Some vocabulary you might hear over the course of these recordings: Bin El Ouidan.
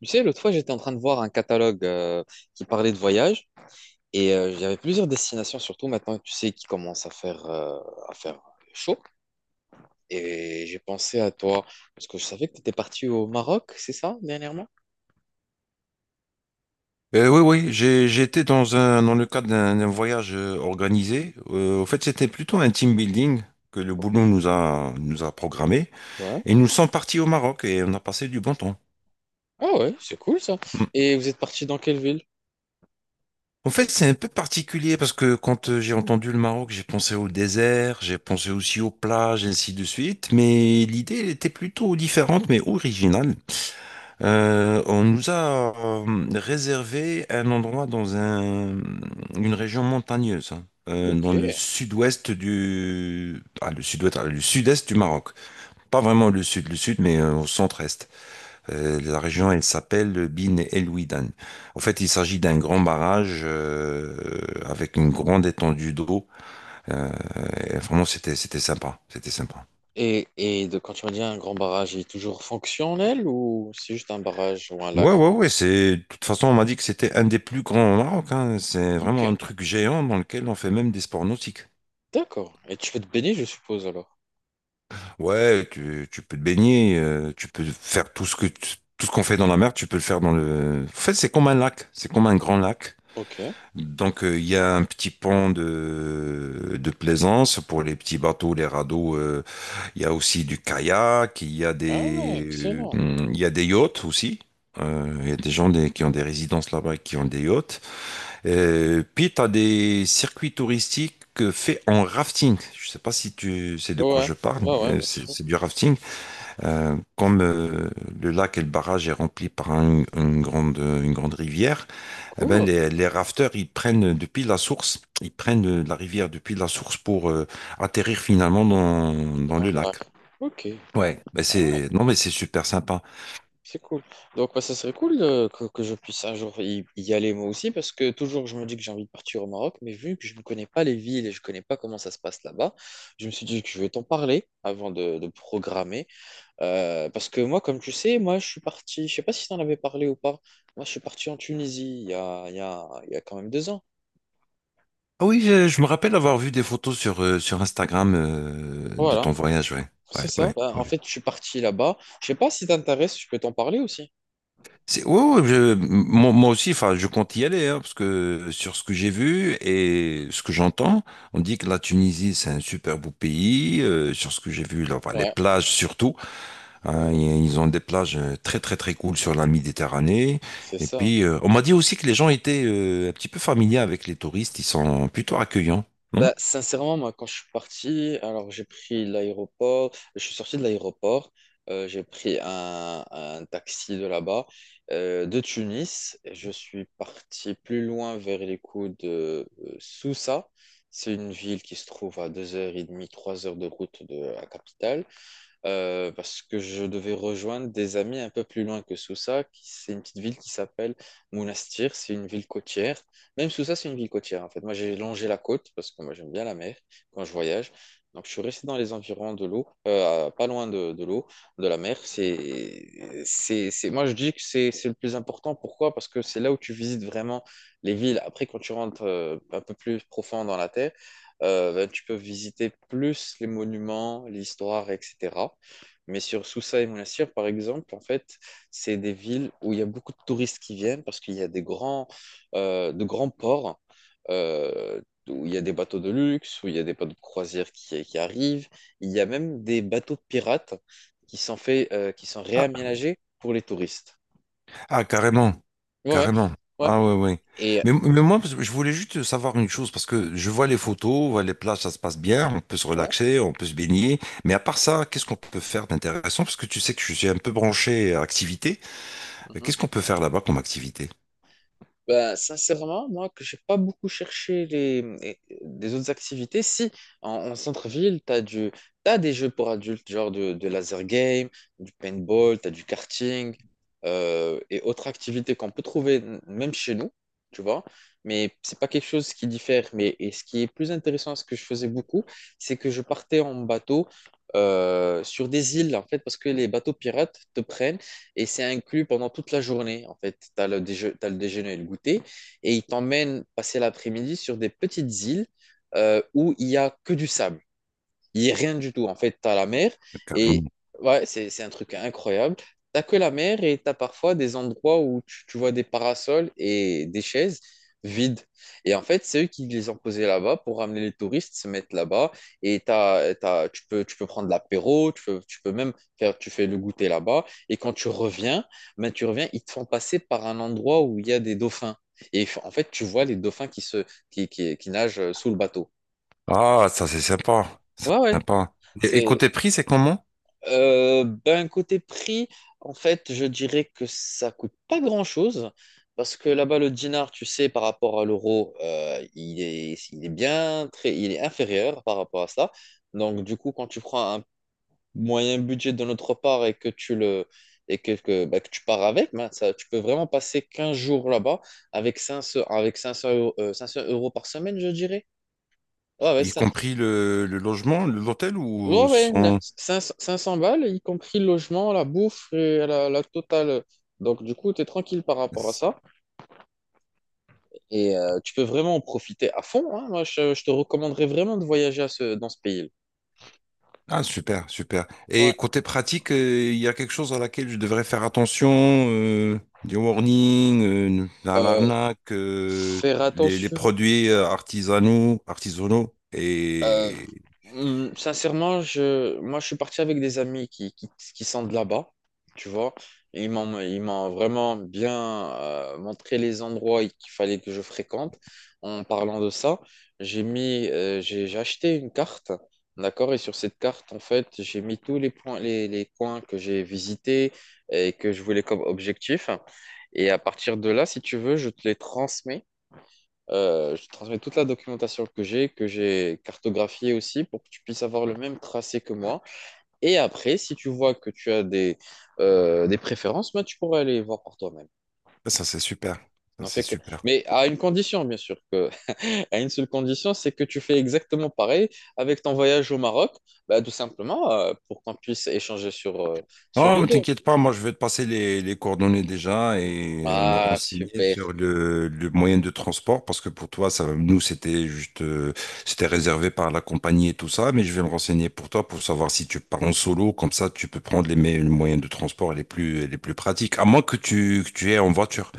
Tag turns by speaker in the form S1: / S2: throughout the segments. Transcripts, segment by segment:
S1: Tu sais, l'autre fois, j'étais en train de voir un catalogue qui parlait de voyage et il y avait plusieurs destinations, surtout maintenant, tu sais, qui commence à faire chaud. Et j'ai pensé à toi parce que je savais que tu étais parti au Maroc, c'est ça, dernièrement?
S2: Oui, oui, j'étais dans le cadre d'un voyage organisé. En fait, c'était plutôt un team building que le boulot nous a programmé.
S1: Ouais.
S2: Et nous sommes partis au Maroc et on a passé du bon temps.
S1: Ah ouais, c'est cool ça.
S2: Mm.
S1: Et vous êtes parti dans quelle ville?
S2: En fait, c'est un peu particulier parce que quand j'ai entendu le Maroc, j'ai pensé au désert, j'ai pensé aussi aux plages, ainsi de suite. Mais l'idée, elle était plutôt différente, mais originale. On nous a réservé un endroit une région montagneuse, hein,
S1: Ok,
S2: dans le sud-ouest du, ah, le sud-ouest, ah, le sud-est du Maroc. Pas vraiment le sud, mais au centre-est. La région, elle s'appelle Bin El Ouidan. En fait, il s'agit d'un grand
S1: ok.
S2: barrage avec une grande étendue d'eau. Euh, et vraiment, c'était sympa, c'était sympa.
S1: Quand tu m'as dit un grand barrage, il est toujours fonctionnel ou c'est juste un barrage ou un
S2: Ouais,
S1: lac?
S2: ouais, ouais, de toute façon, on m'a dit que c'était un des plus grands au Maroc, hein. C'est
S1: Ok,
S2: vraiment un truc géant dans lequel on fait même des sports nautiques.
S1: d'accord. Et tu fais te baigner, je suppose, alors.
S2: Ouais, tu peux te baigner, tu peux faire tout ce qu'on fait dans la mer, tu peux le faire dans le... En fait, c'est comme un lac, c'est comme un grand lac.
S1: Ok.
S2: Donc, il y a un petit pont de plaisance pour les petits bateaux, les radeaux. Il y a aussi du kayak,
S1: Ah ouais, excellent.
S2: il y a des yachts aussi. Il y a des gens qui ont des résidences là-bas et qui ont des yachts. Puis, tu as des circuits touristiques faits en rafting. Je sais pas si tu sais de quoi
S1: Ouais,
S2: je parle.
S1: ouais, ouais,
S2: Euh,
S1: bien
S2: c'est
S1: sûr.
S2: c'est du rafting. Comme le lac et le barrage est rempli par une grande rivière, eh ben,
S1: Cool,
S2: les rafteurs, ils prennent depuis la source, ils prennent la rivière depuis la source pour atterrir finalement dans
S1: dans
S2: le
S1: le lac.
S2: lac.
S1: Ok.
S2: Ouais, ben
S1: Ah ouais,
S2: c'est non mais c'est super sympa.
S1: c'est cool. Donc, bah, ça serait cool que je puisse un jour y aller moi aussi, parce que toujours je me dis que j'ai envie de partir au Maroc, mais vu que je ne connais pas les villes et je ne connais pas comment ça se passe là-bas, je me suis dit que je vais t'en parler avant de programmer. Parce que moi, comme tu sais, moi je suis parti, je sais pas si t'en avais parlé ou pas, moi je suis parti en Tunisie il y a quand même 2 ans.
S2: Ah oui, je me rappelle avoir vu des photos sur Instagram de
S1: Voilà,
S2: ton voyage, ouais.
S1: c'est ça.
S2: Ouais,
S1: Bah,
S2: ouais.
S1: en fait, je suis parti là-bas. Je sais pas si t'intéresses, je peux t'en parler aussi.
S2: Ouais, ouais, moi aussi, enfin, je compte y aller, hein, parce que sur ce que j'ai vu et ce que j'entends, on dit que la Tunisie, c'est un super beau pays. Sur ce que j'ai vu, là, enfin, les
S1: Ouais,
S2: plages surtout,
S1: ouais,
S2: hein,
S1: ouais.
S2: ils ont des plages très, très, très cool sur la Méditerranée.
S1: C'est
S2: Et
S1: ça.
S2: puis, euh, on m'a dit aussi que les gens étaient un petit peu familiers avec les touristes, ils sont plutôt accueillants, non?
S1: Bah, sincèrement, moi, quand je suis parti, alors j'ai pris l'aéroport, je suis sorti de l'aéroport, j'ai pris un taxi de là-bas, de Tunis, et je suis parti plus loin vers les coups de Sousa. C'est une ville qui se trouve à 2h30, 3 heures de route de la capitale parce que je devais rejoindre des amis un peu plus loin que Sousa, qui c'est une petite ville qui s'appelle Monastir, c'est une ville côtière. Même Sousa, c'est une ville côtière en fait. Moi, j'ai longé la côte parce que moi, j'aime bien la mer quand je voyage. Donc, je suis resté dans les environs de l'eau, pas loin de l'eau, de la mer. Moi, je dis que c'est le plus important. Pourquoi? Parce que c'est là où tu visites vraiment les villes. Après, quand tu rentres un peu plus profond dans la terre, ben, tu peux visiter plus les monuments, l'histoire, etc. Mais sur Sousa et Monastir, par exemple, en fait, c'est des villes où il y a beaucoup de touristes qui viennent parce qu'il y a des grands, de grands ports euh, où il y a des bateaux de luxe, où il y a des bateaux de croisière qui arrivent. Il y a même des bateaux de pirates qui sont faits, qui sont réaménagés pour les touristes.
S2: Ah, carrément.
S1: Ouais, ouais,
S2: Carrément.
S1: ouais.
S2: Ah ouais, ouais.
S1: Et
S2: Mais moi, parce que je voulais juste savoir une chose, parce que je vois les photos, ouais, les plages, ça se passe bien, on peut se
S1: ouais.
S2: relaxer, on peut se baigner. Mais à part ça, qu'est-ce qu'on peut faire d'intéressant? Parce que tu sais que je suis un peu branché à activité. Qu'est-ce qu'on peut faire là-bas comme activité?
S1: Ben sincèrement, moi, que j'ai pas beaucoup cherché des autres activités. Si, en centre-ville, t'as des jeux pour adultes, genre de laser game, du paintball, t'as du karting, et autres activités qu'on peut trouver même chez nous, tu vois. Mais c'est pas quelque chose qui diffère. Mais, et ce qui est plus intéressant, ce que je faisais beaucoup, c'est que je partais en bateau, sur des îles, en fait, parce que les bateaux pirates te prennent et c'est inclus pendant toute la journée. En fait, tu as le déje- t'as le déjeuner et le goûter et ils t'emmènent passer l'après-midi sur des petites îles où il n'y a que du sable. Il n'y a rien du tout. En fait, tu as la mer et
S2: Carrément.
S1: ouais, c'est un truc incroyable. T'as que la mer et t'as parfois des endroits où tu vois des parasols et des chaises vides. Et en fait, c'est eux qui les ont posés là-bas pour ramener les touristes, se mettre là-bas. Et tu peux prendre l'apéro, tu peux même faire, tu fais le goûter là-bas. Et quand tu reviens, ben, tu reviens, ils te font passer par un endroit où il y a des dauphins. Et en fait, tu vois les dauphins qui se, qui nagent sous le bateau.
S2: Ah, ça c'est sympa. Ça,
S1: Ouais,
S2: c'est
S1: ouais.
S2: sympa. Et
S1: C'est,
S2: côté prix, c'est comment?
S1: euh, ben, côté prix, en fait, je dirais que ça coûte pas grand-chose. Parce que là-bas, le dinar, tu sais, par rapport à l'euro, il est bien très, il est inférieur par rapport à ça. Donc, du coup, quand tu prends un moyen budget de notre part et bah, que tu pars avec, ben, ça, tu peux vraiment passer 15 jours là-bas avec 500 euros 500 euros par semaine, je dirais. Ouais, ouais,
S2: Y compris le logement, l'hôtel
S1: ouais,
S2: ou
S1: ouais,
S2: son...
S1: 500 balles, y compris le logement, la bouffe et la totale. Donc, du coup, tu es tranquille par rapport à ça. Et tu peux vraiment en profiter à fond, hein. Moi, je te recommanderais vraiment de voyager à dans ce pays-là.
S2: Ah, super, super.
S1: Ouais.
S2: Et côté pratique, il y a quelque chose à laquelle je devrais faire attention, des warnings, à
S1: Euh,
S2: l'arnaque,
S1: faire
S2: les
S1: attention.
S2: produits artisanaux, artisanaux.
S1: Euh,
S2: Et
S1: hum, sincèrement, moi, je suis parti avec des amis qui sont de là-bas, tu vois. Et ils m'ont vraiment bien montré les endroits qu'il fallait que je fréquente. En parlant de ça, j'ai acheté une carte, d'accord? Et sur cette carte, en fait, j'ai mis tous les points, les coins que j'ai visités et que je voulais comme objectif. Et à partir de là, si tu veux, je te les transmets. Je te transmets toute la documentation que j'ai cartographiée aussi, pour que tu puisses avoir le même tracé que moi. Et après, si tu vois que tu as des préférences, ben, tu pourras aller voir par toi-même.
S2: ça, c'est super. Ça,
S1: N'en
S2: c'est
S1: fais que...
S2: super.
S1: Mais à une condition, bien sûr, que... à une seule condition, c'est que tu fais exactement pareil avec ton voyage au Maroc, ben, tout simplement pour qu'on puisse échanger sur, sur
S2: Oh,
S1: les
S2: mais
S1: deux.
S2: t'inquiète pas, moi je vais te passer les coordonnées déjà et me
S1: Ah,
S2: renseigner
S1: super.
S2: sur le moyen de transport parce que pour toi, ça, nous c'était juste, c'était réservé par la compagnie et tout ça, mais je vais me renseigner pour toi pour savoir si tu pars en solo, comme ça tu peux prendre les moyens de transport les plus pratiques, à moins que que tu aies en voiture.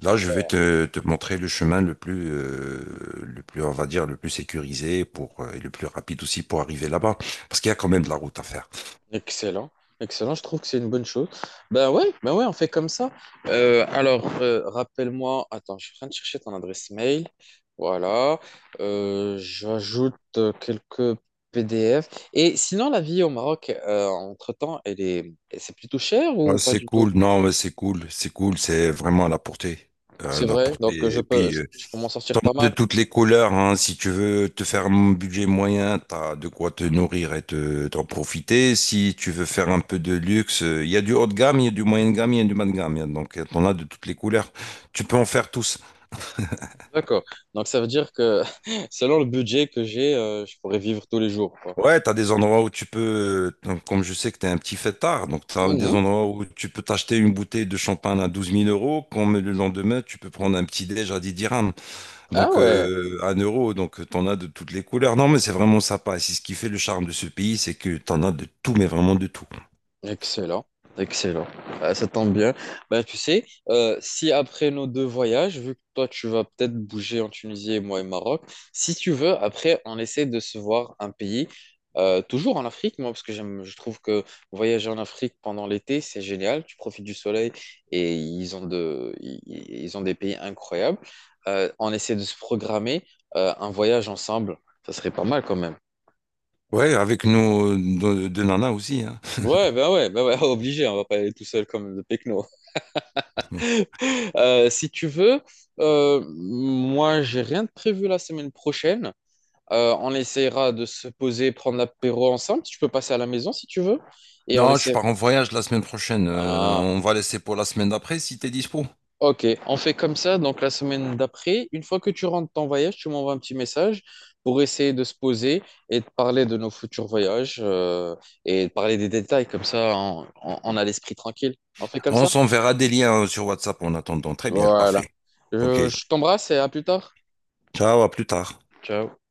S2: Là, je vais te montrer le chemin le plus, on va dire, le plus sécurisé et le plus rapide aussi pour arriver là-bas parce qu'il y a quand même de la route à faire.
S1: Excellent, excellent, je trouve que c'est une bonne chose. Ben ouais, on fait comme ça. Rappelle-moi, attends, je suis en train de chercher ton adresse mail. Voilà, j'ajoute quelques PDF. Et sinon, la vie au Maroc, entre-temps, c'est plutôt cher
S2: Ouais,
S1: ou pas
S2: c'est
S1: du tout?
S2: cool, non, mais c'est cool, c'est cool, c'est vraiment à la portée. Euh,
S1: C'est
S2: la
S1: vrai, donc
S2: portée.
S1: je
S2: Et
S1: peux,
S2: puis, euh,
S1: je peux m'en sortir pas
S2: de
S1: mal.
S2: toutes les couleurs, hein, si tu veux te faire un budget moyen, t'as de quoi te nourrir et t'en profiter. Si tu veux faire un peu de luxe, il y a du haut de gamme, il y a du moyen de gamme, il y a du bas de gamme. Donc, t'en as de toutes les couleurs. Tu peux en faire tous.
S1: D'accord, donc ça veut dire que selon le budget que j'ai, je pourrais vivre tous les jours, quoi.
S2: Ouais, t'as des endroits où tu peux, comme je sais que t'es un petit fêtard, donc t'as des
S1: Mhm.
S2: endroits où tu peux t'acheter une bouteille de champagne à douze mille euros, comme le lendemain, tu peux prendre un petit déj à 10 dirhams.
S1: Ah
S2: Donc,
S1: ouais.
S2: un euro, donc t'en as de toutes les couleurs. Non, mais c'est vraiment sympa. C'est ce qui fait le charme de ce pays, c'est que t'en as de tout, mais vraiment de tout.
S1: Excellent, excellent. Ah, ça tombe bien. Bah, tu sais, si après nos deux voyages, vu que toi tu vas peut-être bouger en Tunisie et moi au Maroc, si tu veux, après on essaie de se voir un pays, toujours en Afrique, moi, parce que j'aime, je trouve que voyager en Afrique pendant l'été, c'est génial. Tu profites du soleil et ils ont de, ils ont des pays incroyables. On essaie de se programmer un voyage ensemble. Ça serait pas mal quand même.
S2: Ouais, avec nos deux nanas aussi. Hein.
S1: Ouais, bah ouais, bah ouais, obligé, on va pas aller tout seul comme le Pecno. Si tu veux, moi, j'ai rien de prévu la semaine prochaine. On essaiera de se poser, prendre l'apéro ensemble. Tu peux passer à la maison si tu veux. Et on
S2: Non, je
S1: essaie.
S2: pars en voyage la semaine prochaine. Euh,
S1: Ah,
S2: on va laisser pour la semaine d'après si t'es dispo.
S1: ok. On fait comme ça. Donc, la semaine d'après, une fois que tu rentres de ton voyage, tu m'envoies un petit message pour essayer de se poser et de parler de nos futurs voyages et de parler des détails. Comme ça, on a l'esprit tranquille. On fait comme
S2: On
S1: ça?
S2: s'enverra des liens sur WhatsApp en attendant. Très bien,
S1: Voilà.
S2: parfait. Ok.
S1: Je t'embrasse et à plus tard.
S2: Ciao, à plus tard.
S1: Ciao.